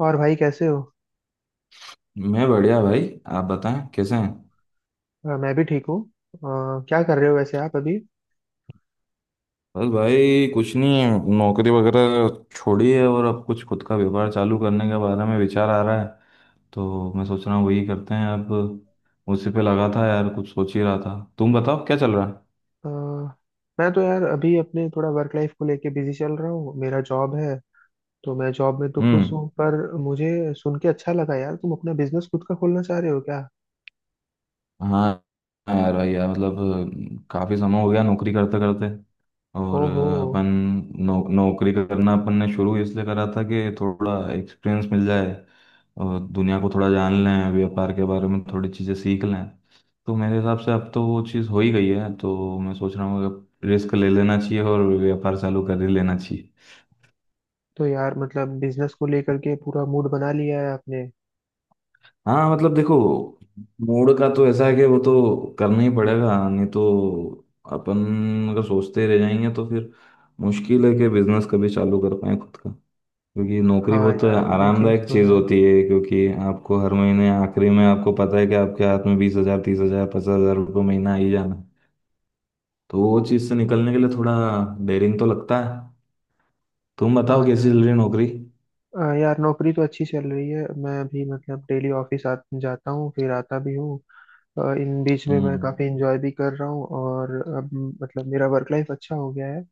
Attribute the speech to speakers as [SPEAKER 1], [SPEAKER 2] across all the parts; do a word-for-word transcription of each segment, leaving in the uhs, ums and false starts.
[SPEAKER 1] और भाई कैसे हो।
[SPEAKER 2] मैं बढ़िया भाई। आप बताएं कैसे हैं।
[SPEAKER 1] अ, मैं भी ठीक हूँ। अ, क्या कर रहे हो वैसे आप अभी।
[SPEAKER 2] बस भाई कुछ नहीं, नौकरी वगैरह छोड़ी है और अब कुछ खुद का व्यापार चालू करने के बारे में विचार आ रहा है। तो मैं सोच रहा हूँ वही करते हैं अब। उसी पे लगा था यार, कुछ सोच ही रहा था। तुम बताओ क्या चल रहा है।
[SPEAKER 1] अ, मैं तो यार अभी अपने थोड़ा वर्क लाइफ को लेके बिजी चल रहा हूँ, मेरा जॉब है। तो मैं जॉब में तो खुश
[SPEAKER 2] हम्म।
[SPEAKER 1] हूँ, पर मुझे सुन के अच्छा लगा यार, तुम अपना बिजनेस खुद का खोलना चाह रहे हो क्या।
[SPEAKER 2] हाँ। हाँ यार, भाई यार, मतलब काफ़ी समय हो गया नौकरी करते करते। और
[SPEAKER 1] ओहो।
[SPEAKER 2] अपन नौ, नौकरी करना अपन ने शुरू इसलिए करा था कि थोड़ा एक्सपीरियंस मिल जाए और दुनिया को थोड़ा जान लें, व्यापार के बारे में थोड़ी चीज़ें सीख लें। तो मेरे हिसाब से अब तो वो चीज़ हो ही गई है, तो मैं सोच रहा हूँ कि रिस्क ले लेना चाहिए और व्यापार चालू कर ही लेना चाहिए।
[SPEAKER 1] तो यार मतलब बिजनेस को लेकर के पूरा मूड बना लिया है आपने।
[SPEAKER 2] हाँ मतलब देखो, मूड का तो ऐसा है कि वो तो करना ही पड़ेगा, नहीं तो अपन अगर सोचते रह जाएंगे तो फिर मुश्किल है कि बिजनेस कभी चालू कर पाए खुद का। क्योंकि नौकरी
[SPEAKER 1] हाँ
[SPEAKER 2] बहुत
[SPEAKER 1] यार, ये चीज़
[SPEAKER 2] आरामदायक
[SPEAKER 1] तो
[SPEAKER 2] चीज़
[SPEAKER 1] है।
[SPEAKER 2] होती है, क्योंकि आपको हर महीने आखिरी में आपको पता है कि आपके हाथ में बीस हजार, तीस हजार, पचास हजार रुपये महीना आ ही जाना। तो वो चीज़ से निकलने के लिए थोड़ा डेरिंग तो लगता है। तुम
[SPEAKER 1] हाँ
[SPEAKER 2] बताओ कैसी चल
[SPEAKER 1] यार।
[SPEAKER 2] रही है नौकरी।
[SPEAKER 1] अ, यार नौकरी तो अच्छी चल रही है, मैं भी मतलब डेली ऑफिस आ जाता हूँ फिर आता भी हूँ। अ, इन बीच में मैं
[SPEAKER 2] हम्म।
[SPEAKER 1] काफ़ी इंजॉय भी कर रहा हूँ, और अब मतलब मेरा वर्क लाइफ अच्छा हो गया है।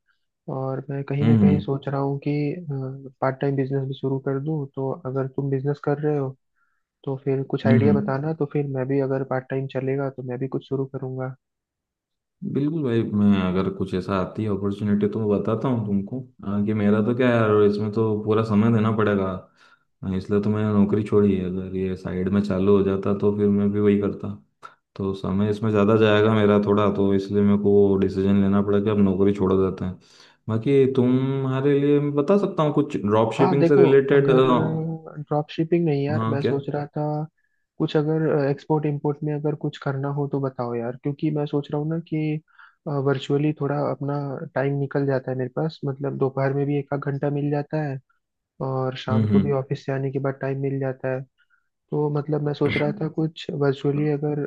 [SPEAKER 1] और मैं कहीं ना कहीं
[SPEAKER 2] हम्म
[SPEAKER 1] सोच रहा हूँ कि पार्ट टाइम बिजनेस भी शुरू कर दूँ, तो अगर तुम बिजनेस कर रहे हो तो फिर कुछ
[SPEAKER 2] हम्म
[SPEAKER 1] आइडिया
[SPEAKER 2] हम्म।
[SPEAKER 1] बताना, तो फिर मैं भी अगर पार्ट टाइम चलेगा तो मैं भी कुछ शुरू करूँगा।
[SPEAKER 2] बिल्कुल भाई, मैं अगर कुछ ऐसा आती है अपॉर्चुनिटी तो मैं बताता हूँ तुमको। आ, कि मेरा तो क्या है यार, इसमें तो पूरा समय देना पड़ेगा। आ, इसलिए तो मैंने नौकरी छोड़ी है, अगर ये साइड में चालू हो जाता तो फिर मैं भी वही करता। तो समय इसमें ज़्यादा जाएगा मेरा थोड़ा, तो इसलिए मेरे को डिसीजन लेना पड़ा कि अब नौकरी छोड़ देते हैं। बाकी तुम्हारे लिए मैं बता सकता हूँ कुछ ड्रॉप
[SPEAKER 1] हाँ
[SPEAKER 2] शिपिंग से
[SPEAKER 1] देखो,
[SPEAKER 2] रिलेटेड।
[SPEAKER 1] अगर ड्रॉप शिपिंग नहीं यार,
[SPEAKER 2] हाँ
[SPEAKER 1] मैं
[SPEAKER 2] क्या।
[SPEAKER 1] सोच रहा था कुछ अगर एक्सपोर्ट इंपोर्ट में अगर कुछ करना हो तो बताओ यार, क्योंकि मैं सोच रहा हूँ ना कि वर्चुअली थोड़ा अपना टाइम निकल जाता है मेरे पास, मतलब दोपहर में भी एक आध घंटा मिल जाता है और शाम
[SPEAKER 2] हम्म
[SPEAKER 1] को भी
[SPEAKER 2] हम्म।
[SPEAKER 1] ऑफिस से आने के बाद टाइम मिल जाता है। तो मतलब मैं सोच रहा था कुछ वर्चुअली अगर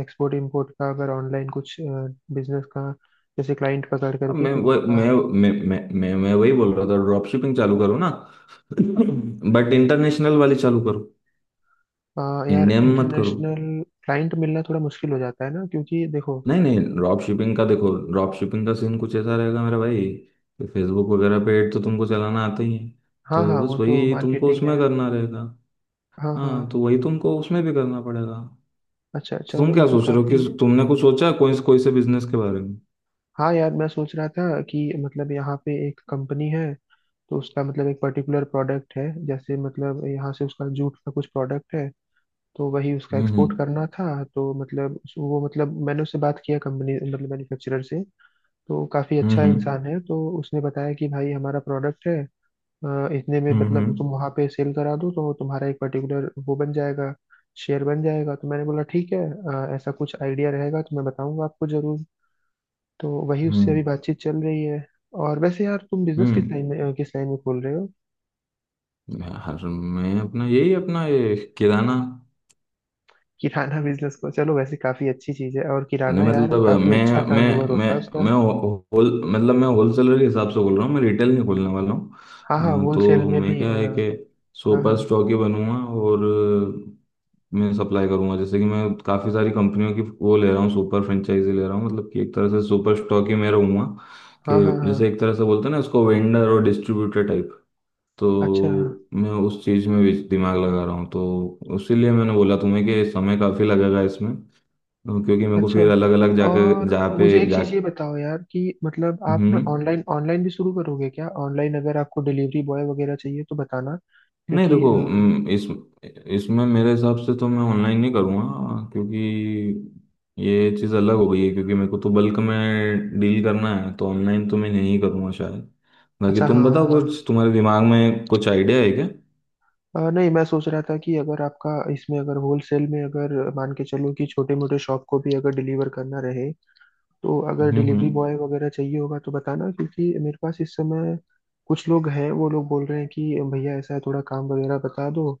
[SPEAKER 1] एक्सपोर्ट इंपोर्ट का अगर ऑनलाइन कुछ बिजनेस का, जैसे क्लाइंट पकड़
[SPEAKER 2] अब
[SPEAKER 1] करके
[SPEAKER 2] मैं
[SPEAKER 1] फिर
[SPEAKER 2] वह-
[SPEAKER 1] उनका।
[SPEAKER 2] मैं मैं मैं मैं मैं वही बोल रहा था, ड्रॉप शिपिंग चालू करो ना। बट इंटरनेशनल वाली चालू करो,
[SPEAKER 1] अ, यार
[SPEAKER 2] इंडिया में मत करो।
[SPEAKER 1] इंटरनेशनल क्लाइंट मिलना थोड़ा मुश्किल हो जाता है ना, क्योंकि देखो।
[SPEAKER 2] नहीं नहीं, ड्रॉप शिपिंग का देखो, ड्रॉप शिपिंग का सीन कुछ ऐसा रहेगा मेरा भाई, कि फेसबुक वगैरह पे एड तो तुमको चलाना आता ही है,
[SPEAKER 1] हाँ
[SPEAKER 2] तो
[SPEAKER 1] हाँ,
[SPEAKER 2] बस
[SPEAKER 1] वो तो
[SPEAKER 2] वही तुमको
[SPEAKER 1] मार्केटिंग है।
[SPEAKER 2] उसमें करना रहेगा।
[SPEAKER 1] हाँ हाँ।
[SPEAKER 2] हाँ तो वही तुमको उसमें भी करना पड़ेगा।
[SPEAKER 1] अच्छा
[SPEAKER 2] तो तुम
[SPEAKER 1] चलो, ये
[SPEAKER 2] क्या
[SPEAKER 1] तो
[SPEAKER 2] सोच रहे हो,
[SPEAKER 1] काफी।
[SPEAKER 2] कि तुमने कुछ सोचा है कोई कोई से बिजनेस के बारे में।
[SPEAKER 1] हाँ यार मैं सोच रहा था कि मतलब यहाँ पे एक कंपनी है, तो उसका मतलब एक पर्टिकुलर प्रोडक्ट है, जैसे मतलब यहाँ से उसका जूट का कुछ प्रोडक्ट है, तो वही उसका
[SPEAKER 2] हम्म
[SPEAKER 1] एक्सपोर्ट
[SPEAKER 2] हम्म
[SPEAKER 1] करना था। तो मतलब उस- वो मतलब मैंने उससे बात किया, कंपनी मतलब मैन्युफैक्चरर से। तो काफी अच्छा
[SPEAKER 2] हम्म
[SPEAKER 1] इंसान है, तो उसने बताया कि भाई हमारा प्रोडक्ट है। अ, इतने में मतलब
[SPEAKER 2] हम्म।
[SPEAKER 1] तुम वहां पे सेल करा दो तो तुम्हारा एक पर्टिकुलर वो बन जाएगा, शेयर बन जाएगा। तो मैंने बोला ठीक है, अ, ऐसा कुछ आइडिया रहेगा तो मैं बताऊंगा आपको जरूर। तो वही
[SPEAKER 2] हम्म
[SPEAKER 1] उससे अभी
[SPEAKER 2] हम्म,
[SPEAKER 1] बातचीत चल रही है। और वैसे यार तुम बिजनेस किस
[SPEAKER 2] हम्म।
[SPEAKER 1] लाइन में, अ, किस लाइन में खोल रहे हो।
[SPEAKER 2] यार मैं अपना यही अपना ये किराना।
[SPEAKER 1] किराना बिजनेस को चलो, वैसे काफी अच्छी चीज है, और
[SPEAKER 2] नहीं
[SPEAKER 1] किराना यार
[SPEAKER 2] मतलब
[SPEAKER 1] काफी
[SPEAKER 2] मैं
[SPEAKER 1] अच्छा
[SPEAKER 2] मैं
[SPEAKER 1] टर्नओवर होता
[SPEAKER 2] मैं
[SPEAKER 1] है उसका।
[SPEAKER 2] मैं होल मतलब मैं होलसेलर के हिसाब से बोल रहा हूँ, मैं रिटेल नहीं खोलने वाला हूँ।
[SPEAKER 1] हाँ हाँ,
[SPEAKER 2] अ,
[SPEAKER 1] होलसेल
[SPEAKER 2] तो
[SPEAKER 1] में
[SPEAKER 2] मैं
[SPEAKER 1] भी।
[SPEAKER 2] क्या
[SPEAKER 1] अ,
[SPEAKER 2] है कि
[SPEAKER 1] हाँ
[SPEAKER 2] सुपर
[SPEAKER 1] हाँ
[SPEAKER 2] स्टॉक ही बनूंगा। और अ, मैं सप्लाई करूंगा, जैसे कि मैं काफ़ी सारी कंपनियों की वो ले रहा हूँ, सुपर फ्रेंचाइजी ले रहा हूँ, मतलब कि एक तरह से सुपर स्टॉक ही मैं रहूँगा।
[SPEAKER 1] हाँ।
[SPEAKER 2] कि
[SPEAKER 1] हाँ
[SPEAKER 2] जैसे
[SPEAKER 1] हाँ।
[SPEAKER 2] एक तरह से बोलते हैं ना इसको, वेंडर और डिस्ट्रीब्यूटर टाइप। तो
[SPEAKER 1] अच्छा।
[SPEAKER 2] मैं उस चीज़ में भी दिमाग लगा रहा हूँ, तो उसीलिए मैंने बोला तुम्हें कि समय काफ़ी लगेगा इसमें। तो क्योंकि मेरे को
[SPEAKER 1] अच्छा,
[SPEAKER 2] फिर अलग अलग जाके
[SPEAKER 1] और
[SPEAKER 2] जहाँ पे
[SPEAKER 1] मुझे एक
[SPEAKER 2] जा।
[SPEAKER 1] चीज़ ये बताओ यार कि मतलब आप ना
[SPEAKER 2] हम्म।
[SPEAKER 1] ऑनलाइन, ऑनलाइन भी शुरू करोगे क्या। ऑनलाइन अगर आपको डिलीवरी बॉय वगैरह चाहिए तो बताना,
[SPEAKER 2] नहीं
[SPEAKER 1] क्योंकि
[SPEAKER 2] देखो,
[SPEAKER 1] अ,
[SPEAKER 2] हम्म, इस इसमें मेरे हिसाब से तो मैं ऑनलाइन नहीं करूँगा, क्योंकि ये चीज़ अलग हो गई है, क्योंकि मेरे को तो बल्क में डील करना है, तो ऑनलाइन तो मैं नहीं करूँगा शायद। बाकी
[SPEAKER 1] अच्छा हाँ
[SPEAKER 2] तुम बताओ,
[SPEAKER 1] हाँ हाँ।
[SPEAKER 2] कुछ तुम्हारे दिमाग में कुछ आइडिया है क्या।
[SPEAKER 1] अ, नहीं मैं सोच रहा था कि अगर आपका इसमें अगर होलसेल में अगर मान के चलो कि छोटे मोटे शॉप को भी अगर डिलीवर करना रहे, तो अगर
[SPEAKER 2] हम्म
[SPEAKER 1] डिलीवरी
[SPEAKER 2] हम्म।
[SPEAKER 1] बॉय वगैरह चाहिए होगा तो बताना, क्योंकि मेरे पास इस समय कुछ लोग हैं, वो लोग बोल रहे हैं कि भैया ऐसा है, थोड़ा काम वगैरह बता दो,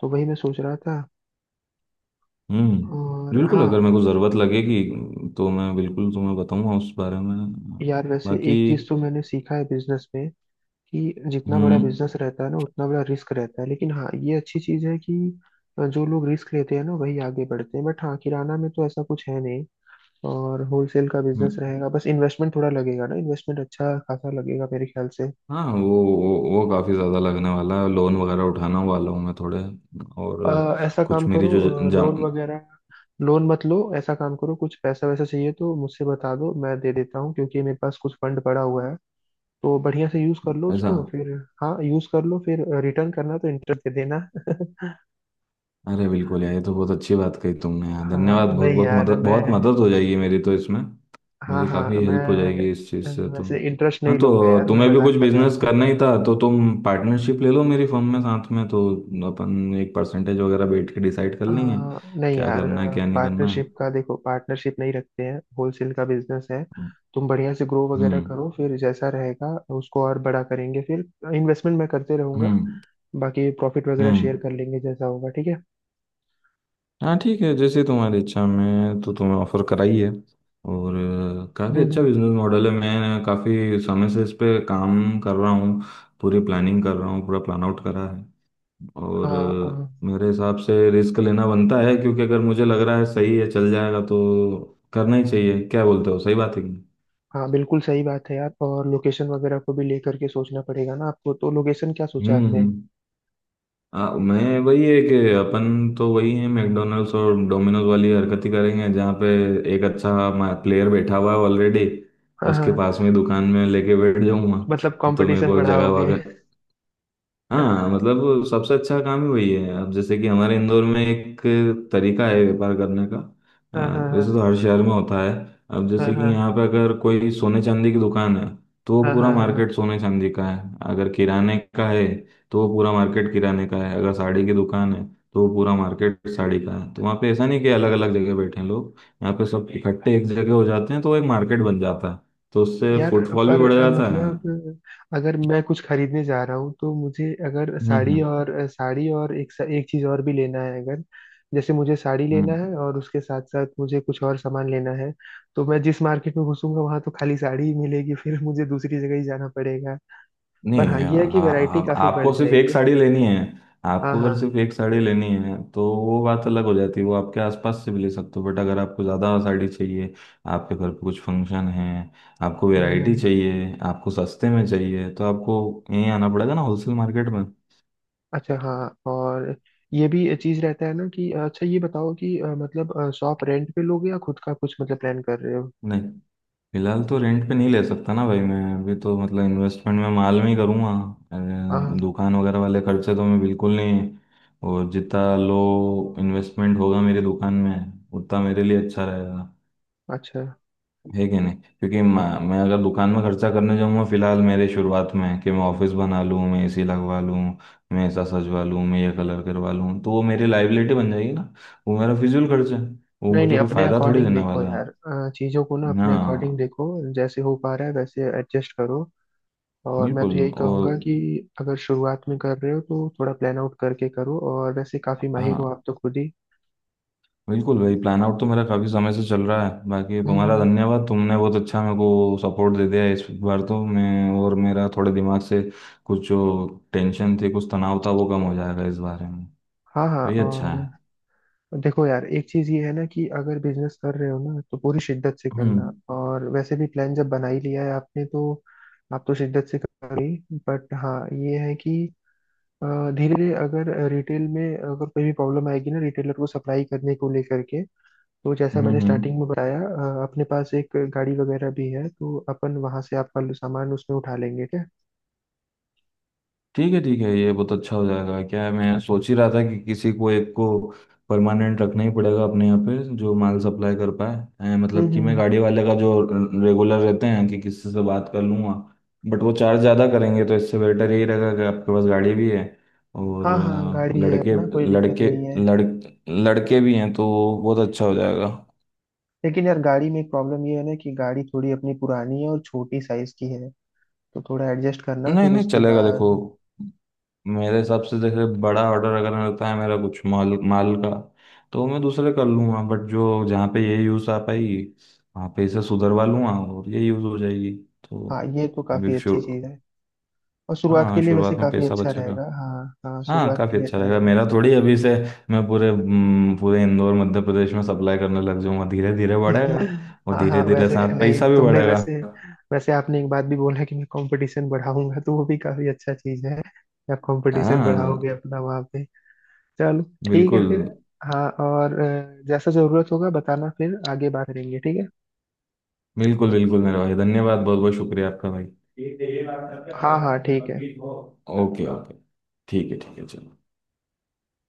[SPEAKER 1] तो वही मैं सोच रहा था।
[SPEAKER 2] हम्म,
[SPEAKER 1] और
[SPEAKER 2] बिल्कुल,
[SPEAKER 1] हाँ
[SPEAKER 2] अगर मेरे को ज़रूरत लगेगी तो मैं बिल्कुल तुम्हें बताऊंगा उस बारे में।
[SPEAKER 1] यार, वैसे
[SPEAKER 2] बाकी
[SPEAKER 1] एक चीज तो मैंने सीखा है बिजनेस में कि जितना बड़ा
[SPEAKER 2] हम्म
[SPEAKER 1] बिजनेस रहता है ना उतना बड़ा रिस्क रहता है, लेकिन हाँ ये अच्छी चीज है कि जो लोग रिस्क लेते हैं ना वही आगे बढ़ते हैं। बट हाँ, किराना में तो ऐसा कुछ है नहीं, और होलसेल का बिजनेस
[SPEAKER 2] हम्म।
[SPEAKER 1] रहेगा, बस इन्वेस्टमेंट थोड़ा लगेगा ना, इन्वेस्टमेंट अच्छा खासा लगेगा मेरे ख्याल से।
[SPEAKER 2] हाँ वो वो वो काफ़ी ज़्यादा लगने वाला है, लोन वगैरह उठाना वाला हूँ मैं थोड़े। और
[SPEAKER 1] अ, ऐसा काम
[SPEAKER 2] कुछ मेरी जो
[SPEAKER 1] करो,
[SPEAKER 2] जा
[SPEAKER 1] लोन वगैरह, लोन मत लो, ऐसा काम करो कुछ पैसा वैसा चाहिए तो मुझसे बता दो, मैं दे देता हूँ, क्योंकि मेरे पास कुछ फंड पड़ा हुआ है, तो बढ़िया से यूज कर लो
[SPEAKER 2] ऐसा।
[SPEAKER 1] उसको फिर। हाँ यूज कर लो, फिर रिटर्न करना तो इंटरेस्ट दे देना।
[SPEAKER 2] अरे बिल्कुल यार, ये तो बहुत अच्छी बात कही तुमने यार।
[SPEAKER 1] हाँ
[SPEAKER 2] धन्यवाद, बहुत
[SPEAKER 1] नहीं
[SPEAKER 2] बहुत
[SPEAKER 1] यार
[SPEAKER 2] मदद,
[SPEAKER 1] मैं,
[SPEAKER 2] बहुत मदद हो जाएगी मेरी तो इसमें,
[SPEAKER 1] हाँ
[SPEAKER 2] मेरी काफ़ी
[SPEAKER 1] हाँ मैं,
[SPEAKER 2] हेल्प हो जाएगी इस चीज़ से
[SPEAKER 1] अ,
[SPEAKER 2] तो।
[SPEAKER 1] वैसे इंटरेस्ट
[SPEAKER 2] हाँ,
[SPEAKER 1] नहीं लूंगा
[SPEAKER 2] तो
[SPEAKER 1] यार, मैं
[SPEAKER 2] तुम्हें भी
[SPEAKER 1] मजाक
[SPEAKER 2] कुछ
[SPEAKER 1] कर रहा
[SPEAKER 2] बिजनेस
[SPEAKER 1] था।
[SPEAKER 2] करना ही था, तो तुम पार्टनरशिप ले लो मेरी फर्म में साथ में, तो अपन एक परसेंटेज वगैरह बैठ के डिसाइड कर
[SPEAKER 1] अ,
[SPEAKER 2] लेंगे
[SPEAKER 1] नहीं
[SPEAKER 2] क्या
[SPEAKER 1] यार,
[SPEAKER 2] करना है क्या नहीं करना
[SPEAKER 1] पार्टनरशिप
[SPEAKER 2] है।
[SPEAKER 1] का देखो, पार्टनरशिप नहीं रखते हैं, होलसेल का बिजनेस है।
[SPEAKER 2] हम्म
[SPEAKER 1] तुम बढ़िया से ग्रो वगैरह करो, फिर जैसा रहेगा उसको और बड़ा करेंगे फिर, इन्वेस्टमेंट मैं करते रहूंगा,
[SPEAKER 2] हम्म
[SPEAKER 1] बाकी प्रॉफिट वगैरह
[SPEAKER 2] हम्म।
[SPEAKER 1] शेयर कर लेंगे जैसा होगा, ठीक है।
[SPEAKER 2] हाँ ठीक है जैसे तुम्हारी इच्छा, में तो तुम्हें ऑफर कराई है। और काफ़ी
[SPEAKER 1] हम्म
[SPEAKER 2] अच्छा
[SPEAKER 1] हम्म।
[SPEAKER 2] बिजनेस मॉडल है, मैं काफ़ी समय से इस पे काम कर रहा हूँ, पूरी प्लानिंग कर रहा हूँ, पूरा प्लान आउट करा है। और
[SPEAKER 1] हाँ
[SPEAKER 2] अ, मेरे हिसाब से रिस्क लेना बनता है, क्योंकि अगर मुझे लग रहा है सही है, चल जाएगा, तो करना ही चाहिए। क्या बोलते हो, सही बात है कि नहीं?
[SPEAKER 1] हाँ, बिल्कुल सही बात है यार। और लोकेशन वगैरह को भी लेकर के सोचना पड़ेगा ना आपको, तो लोकेशन क्या सोचा
[SPEAKER 2] हम्म
[SPEAKER 1] आपने।
[SPEAKER 2] हम्म। हाँ मैं वही है कि अपन तो वही है, मैकडोनल्ड्स और डोमिनोज वाली हरकत ही करेंगे, जहाँ पे एक अच्छा प्लेयर बैठा हुआ है ऑलरेडी,
[SPEAKER 1] हाँ हाँ
[SPEAKER 2] उसके
[SPEAKER 1] हाँ,
[SPEAKER 2] पास में दुकान में लेके बैठ
[SPEAKER 1] मतलब
[SPEAKER 2] जाऊंगा तो मेरे
[SPEAKER 1] कंपटीशन
[SPEAKER 2] को जगह।
[SPEAKER 1] बढ़ाओगे।
[SPEAKER 2] हाँ
[SPEAKER 1] हाँ
[SPEAKER 2] मतलब सबसे अच्छा काम ही वही है। अब जैसे कि हमारे इंदौर में एक तरीका है व्यापार करने का, अ,
[SPEAKER 1] हाँ।
[SPEAKER 2] वैसे
[SPEAKER 1] हाँ
[SPEAKER 2] तो हर शहर में होता है। अब
[SPEAKER 1] हाँ
[SPEAKER 2] जैसे कि
[SPEAKER 1] हाँ।
[SPEAKER 2] यहाँ पे अगर कोई सोने चांदी की दुकान है, तो वो
[SPEAKER 1] हाँ
[SPEAKER 2] पूरा
[SPEAKER 1] हाँ हाँ। हाँ।
[SPEAKER 2] मार्केट सोने चांदी का है। अगर किराने का है, तो वो पूरा मार्केट किराने का है। अगर साड़ी की दुकान है, तो वो पूरा मार्केट साड़ी का है। तो वहाँ पे ऐसा नहीं कि अलग अलग जगह बैठे हैं लोग, यहाँ पे सब इकट्ठे एक जगह हो जाते हैं, तो एक मार्केट बन जाता है, तो उससे
[SPEAKER 1] यार
[SPEAKER 2] फुटफॉल भी
[SPEAKER 1] पर
[SPEAKER 2] बढ़
[SPEAKER 1] अ,
[SPEAKER 2] जाता है।
[SPEAKER 1] मतलब अगर मैं कुछ खरीदने जा रहा हूँ तो मुझे अगर
[SPEAKER 2] हम्म
[SPEAKER 1] साड़ी
[SPEAKER 2] हम्म
[SPEAKER 1] और अ, साड़ी और एक सा- एक चीज और भी लेना है, अगर जैसे मुझे साड़ी लेना
[SPEAKER 2] हम्म।
[SPEAKER 1] है और उसके साथ साथ मुझे कुछ और सामान लेना है, तो मैं जिस मार्केट में घुसूंगा वहां तो खाली साड़ी ही मिलेगी, फिर मुझे दूसरी जगह ही जाना पड़ेगा। पर
[SPEAKER 2] नहीं
[SPEAKER 1] हाँ
[SPEAKER 2] आ,
[SPEAKER 1] ये है कि
[SPEAKER 2] आ,
[SPEAKER 1] वैरायटी काफी बढ़
[SPEAKER 2] आपको सिर्फ एक
[SPEAKER 1] जाएगी।
[SPEAKER 2] साड़ी लेनी है।
[SPEAKER 1] हाँ
[SPEAKER 2] आपको
[SPEAKER 1] हाँ।
[SPEAKER 2] अगर सिर्फ एक साड़ी लेनी है तो वो बात अलग हो जाती है, वो आपके आसपास से भी ले सकते हो। बट अगर आपको ज़्यादा साड़ी चाहिए, आपके घर पे कुछ फंक्शन है, आपको
[SPEAKER 1] हम्म,
[SPEAKER 2] वैरायटी
[SPEAKER 1] हम्म, हम्म।
[SPEAKER 2] चाहिए, आपको सस्ते में चाहिए, तो आपको यहीं आना पड़ेगा ना होलसेल मार्केट में।
[SPEAKER 1] अच्छा हाँ, और ये भी चीज रहता है ना कि अच्छा, ये बताओ कि अ, मतलब शॉप रेंट पे लोगे या खुद का कुछ मतलब प्लान कर रहे हो।
[SPEAKER 2] नहीं, फिलहाल तो रेंट पे नहीं ले सकता ना भाई, मैं अभी तो मतलब इन्वेस्टमेंट में माल में ही करूँगा।
[SPEAKER 1] हाँ हाँ।
[SPEAKER 2] अ, दुकान वगैरह वाले खर्चे तो मैं बिल्कुल नहीं। और जितना लो इन्वेस्टमेंट होगा मेरी दुकान में, उतना मेरे लिए अच्छा रहेगा।
[SPEAKER 1] अच्छा,
[SPEAKER 2] है कि नहीं, क्योंकि म- मैं अगर दुकान में खर्चा करने जाऊँगा फिलहाल मेरे शुरुआत में, कि मैं ऑफिस बना लूँ, मैं एसी लगवा लूँ, मैं ऐसा सजवा लूँ, मैं ये कलर करवा लूँ, तो वो मेरी लाइबिलिटी बन जाएगी ना, वो मेरा फिजूल खर्चा है, वो
[SPEAKER 1] नहीं
[SPEAKER 2] मुझे
[SPEAKER 1] नहीं,
[SPEAKER 2] कोई
[SPEAKER 1] अपने
[SPEAKER 2] फायदा थोड़ी
[SPEAKER 1] अकॉर्डिंग
[SPEAKER 2] देने
[SPEAKER 1] देखो
[SPEAKER 2] वाला
[SPEAKER 1] यार,
[SPEAKER 2] है।
[SPEAKER 1] अ, चीजों को ना अपने अकॉर्डिंग
[SPEAKER 2] हाँ
[SPEAKER 1] देखो, जैसे हो पा रहा है वैसे एडजस्ट करो। और मैं तो
[SPEAKER 2] बिल्कुल।
[SPEAKER 1] यही
[SPEAKER 2] और
[SPEAKER 1] कहूंगा कि अगर शुरुआत में कर रहे हो तो थोड़ा प्लान आउट करके करो, और वैसे काफी माहिर हो
[SPEAKER 2] हाँ
[SPEAKER 1] आप तो खुद ही।
[SPEAKER 2] बिल्कुल भाई, प्लान आउट तो मेरा काफ़ी समय से चल रहा है। बाकी
[SPEAKER 1] हम्म,
[SPEAKER 2] तुम्हारा
[SPEAKER 1] हम्म।
[SPEAKER 2] धन्यवाद, तुमने बहुत अच्छा मेरे को सपोर्ट दे दिया इस बार, तो मैं और मेरा थोड़े दिमाग से कुछ जो टेंशन थी, कुछ तनाव था, वो कम हो जाएगा इस बारे में,
[SPEAKER 1] हाँ हाँ,
[SPEAKER 2] तो ये अच्छा
[SPEAKER 1] और
[SPEAKER 2] है।
[SPEAKER 1] देखो यार, एक चीज ये है ना कि अगर बिजनेस कर रहे हो ना तो पूरी शिद्दत से करना,
[SPEAKER 2] हम्म
[SPEAKER 1] और वैसे भी प्लान जब बना ही लिया है आपने, तो आप तो शिद्दत से कर रही। बट हाँ ये है कि धीरे धीरे अगर रिटेल में अगर कोई भी प्रॉब्लम आएगी ना, रिटेलर को सप्लाई करने को लेकर के, तो जैसा
[SPEAKER 2] हम्म
[SPEAKER 1] मैंने
[SPEAKER 2] हम्म।
[SPEAKER 1] स्टार्टिंग में बताया, अ, अपने पास एक गाड़ी वगैरह भी है, तो अपन वहां से आपका सामान उसमें उठा लेंगे क्या।
[SPEAKER 2] ठीक है ठीक है, ये बहुत अच्छा हो जाएगा। क्या है, मैं सोच ही रहा था कि किसी को एक को परमानेंट रखना ही पड़ेगा अपने यहाँ पे जो माल सप्लाई कर पाए। हैं,
[SPEAKER 1] हम्म
[SPEAKER 2] मतलब कि मैं
[SPEAKER 1] हम्म।
[SPEAKER 2] गाड़ी वाले का जो रेगुलर रहते हैं, कि किसी से बात कर लूँगा, बट वो चार्ज ज़्यादा करेंगे, तो इससे बेटर यही रहेगा कि आपके पास गाड़ी भी है।
[SPEAKER 1] हाँ
[SPEAKER 2] और
[SPEAKER 1] हाँ,
[SPEAKER 2] अ,
[SPEAKER 1] गाड़ी है
[SPEAKER 2] लड़के
[SPEAKER 1] अपना कोई दिक्कत
[SPEAKER 2] लड़के
[SPEAKER 1] नहीं है।
[SPEAKER 2] लड़ लड़के भी हैं तो बहुत अच्छा हो जाएगा।
[SPEAKER 1] लेकिन यार गाड़ी में एक प्रॉब्लम ये है ना कि गाड़ी थोड़ी अपनी पुरानी है और छोटी साइज की है, तो थोड़ा एडजस्ट करना
[SPEAKER 2] नहीं
[SPEAKER 1] फिर
[SPEAKER 2] नहीं
[SPEAKER 1] उसके
[SPEAKER 2] चलेगा देखो,
[SPEAKER 1] बाद।
[SPEAKER 2] मेरे हिसाब से जैसे बड़ा ऑर्डर अगर रहता है मेरा कुछ माल माल का, तो मैं दूसरे कर लूंगा। बट जो जहाँ पे ये यूज़ आ पाएगी, वहाँ पे इसे सुधरवा लूंगा और ये यूज़ हो जाएगी
[SPEAKER 1] हाँ
[SPEAKER 2] तो।
[SPEAKER 1] ये तो
[SPEAKER 2] अभी
[SPEAKER 1] काफी अच्छी
[SPEAKER 2] शुरू।
[SPEAKER 1] चीज है, और शुरुआत के
[SPEAKER 2] हाँ
[SPEAKER 1] लिए
[SPEAKER 2] शुरुआत
[SPEAKER 1] वैसे
[SPEAKER 2] में
[SPEAKER 1] काफी
[SPEAKER 2] पैसा
[SPEAKER 1] अच्छा
[SPEAKER 2] बचेगा,
[SPEAKER 1] रहेगा, हाँ हाँ
[SPEAKER 2] हाँ
[SPEAKER 1] शुरुआत के
[SPEAKER 2] काफ़ी
[SPEAKER 1] लिए
[SPEAKER 2] अच्छा
[SPEAKER 1] अच्छा
[SPEAKER 2] रहेगा।
[SPEAKER 1] रहेगा।
[SPEAKER 2] मेरा थोड़ी अभी से मैं पूरे हम्म, पूरे इंदौर मध्य प्रदेश में सप्लाई करने लग जाऊंगा, धीरे धीरे बढ़ेगा और
[SPEAKER 1] हाँ
[SPEAKER 2] धीरे
[SPEAKER 1] हाँ,
[SPEAKER 2] धीरे
[SPEAKER 1] वैसे
[SPEAKER 2] साथ
[SPEAKER 1] नहीं
[SPEAKER 2] पैसा भी
[SPEAKER 1] तुमने
[SPEAKER 2] बढ़ेगा।
[SPEAKER 1] वैसे, वैसे आपने एक बात भी बोला कि मैं कंपटीशन बढ़ाऊंगा, तो वो भी काफी अच्छा चीज है, आप कंपटीशन बढ़ाओगे
[SPEAKER 2] हाँ
[SPEAKER 1] अपना वहाँ पे। चलो ठीक है
[SPEAKER 2] बिल्कुल।
[SPEAKER 1] फिर। हाँ, और अ, जैसा जरूरत होगा बताना, फिर आगे बात करेंगे, ठीक है।
[SPEAKER 2] बिल्कुल बिल्कुल मेरे भाई, धन्यवाद, बहुत बहुत शुक्रिया आपका भाई। ठीक है, ये बात करके
[SPEAKER 1] हाँ
[SPEAKER 2] अगर
[SPEAKER 1] हाँ
[SPEAKER 2] आपको कोई
[SPEAKER 1] ठीक है।
[SPEAKER 2] वकील हो। ओके ओके, ठीक है ठीक है चलो।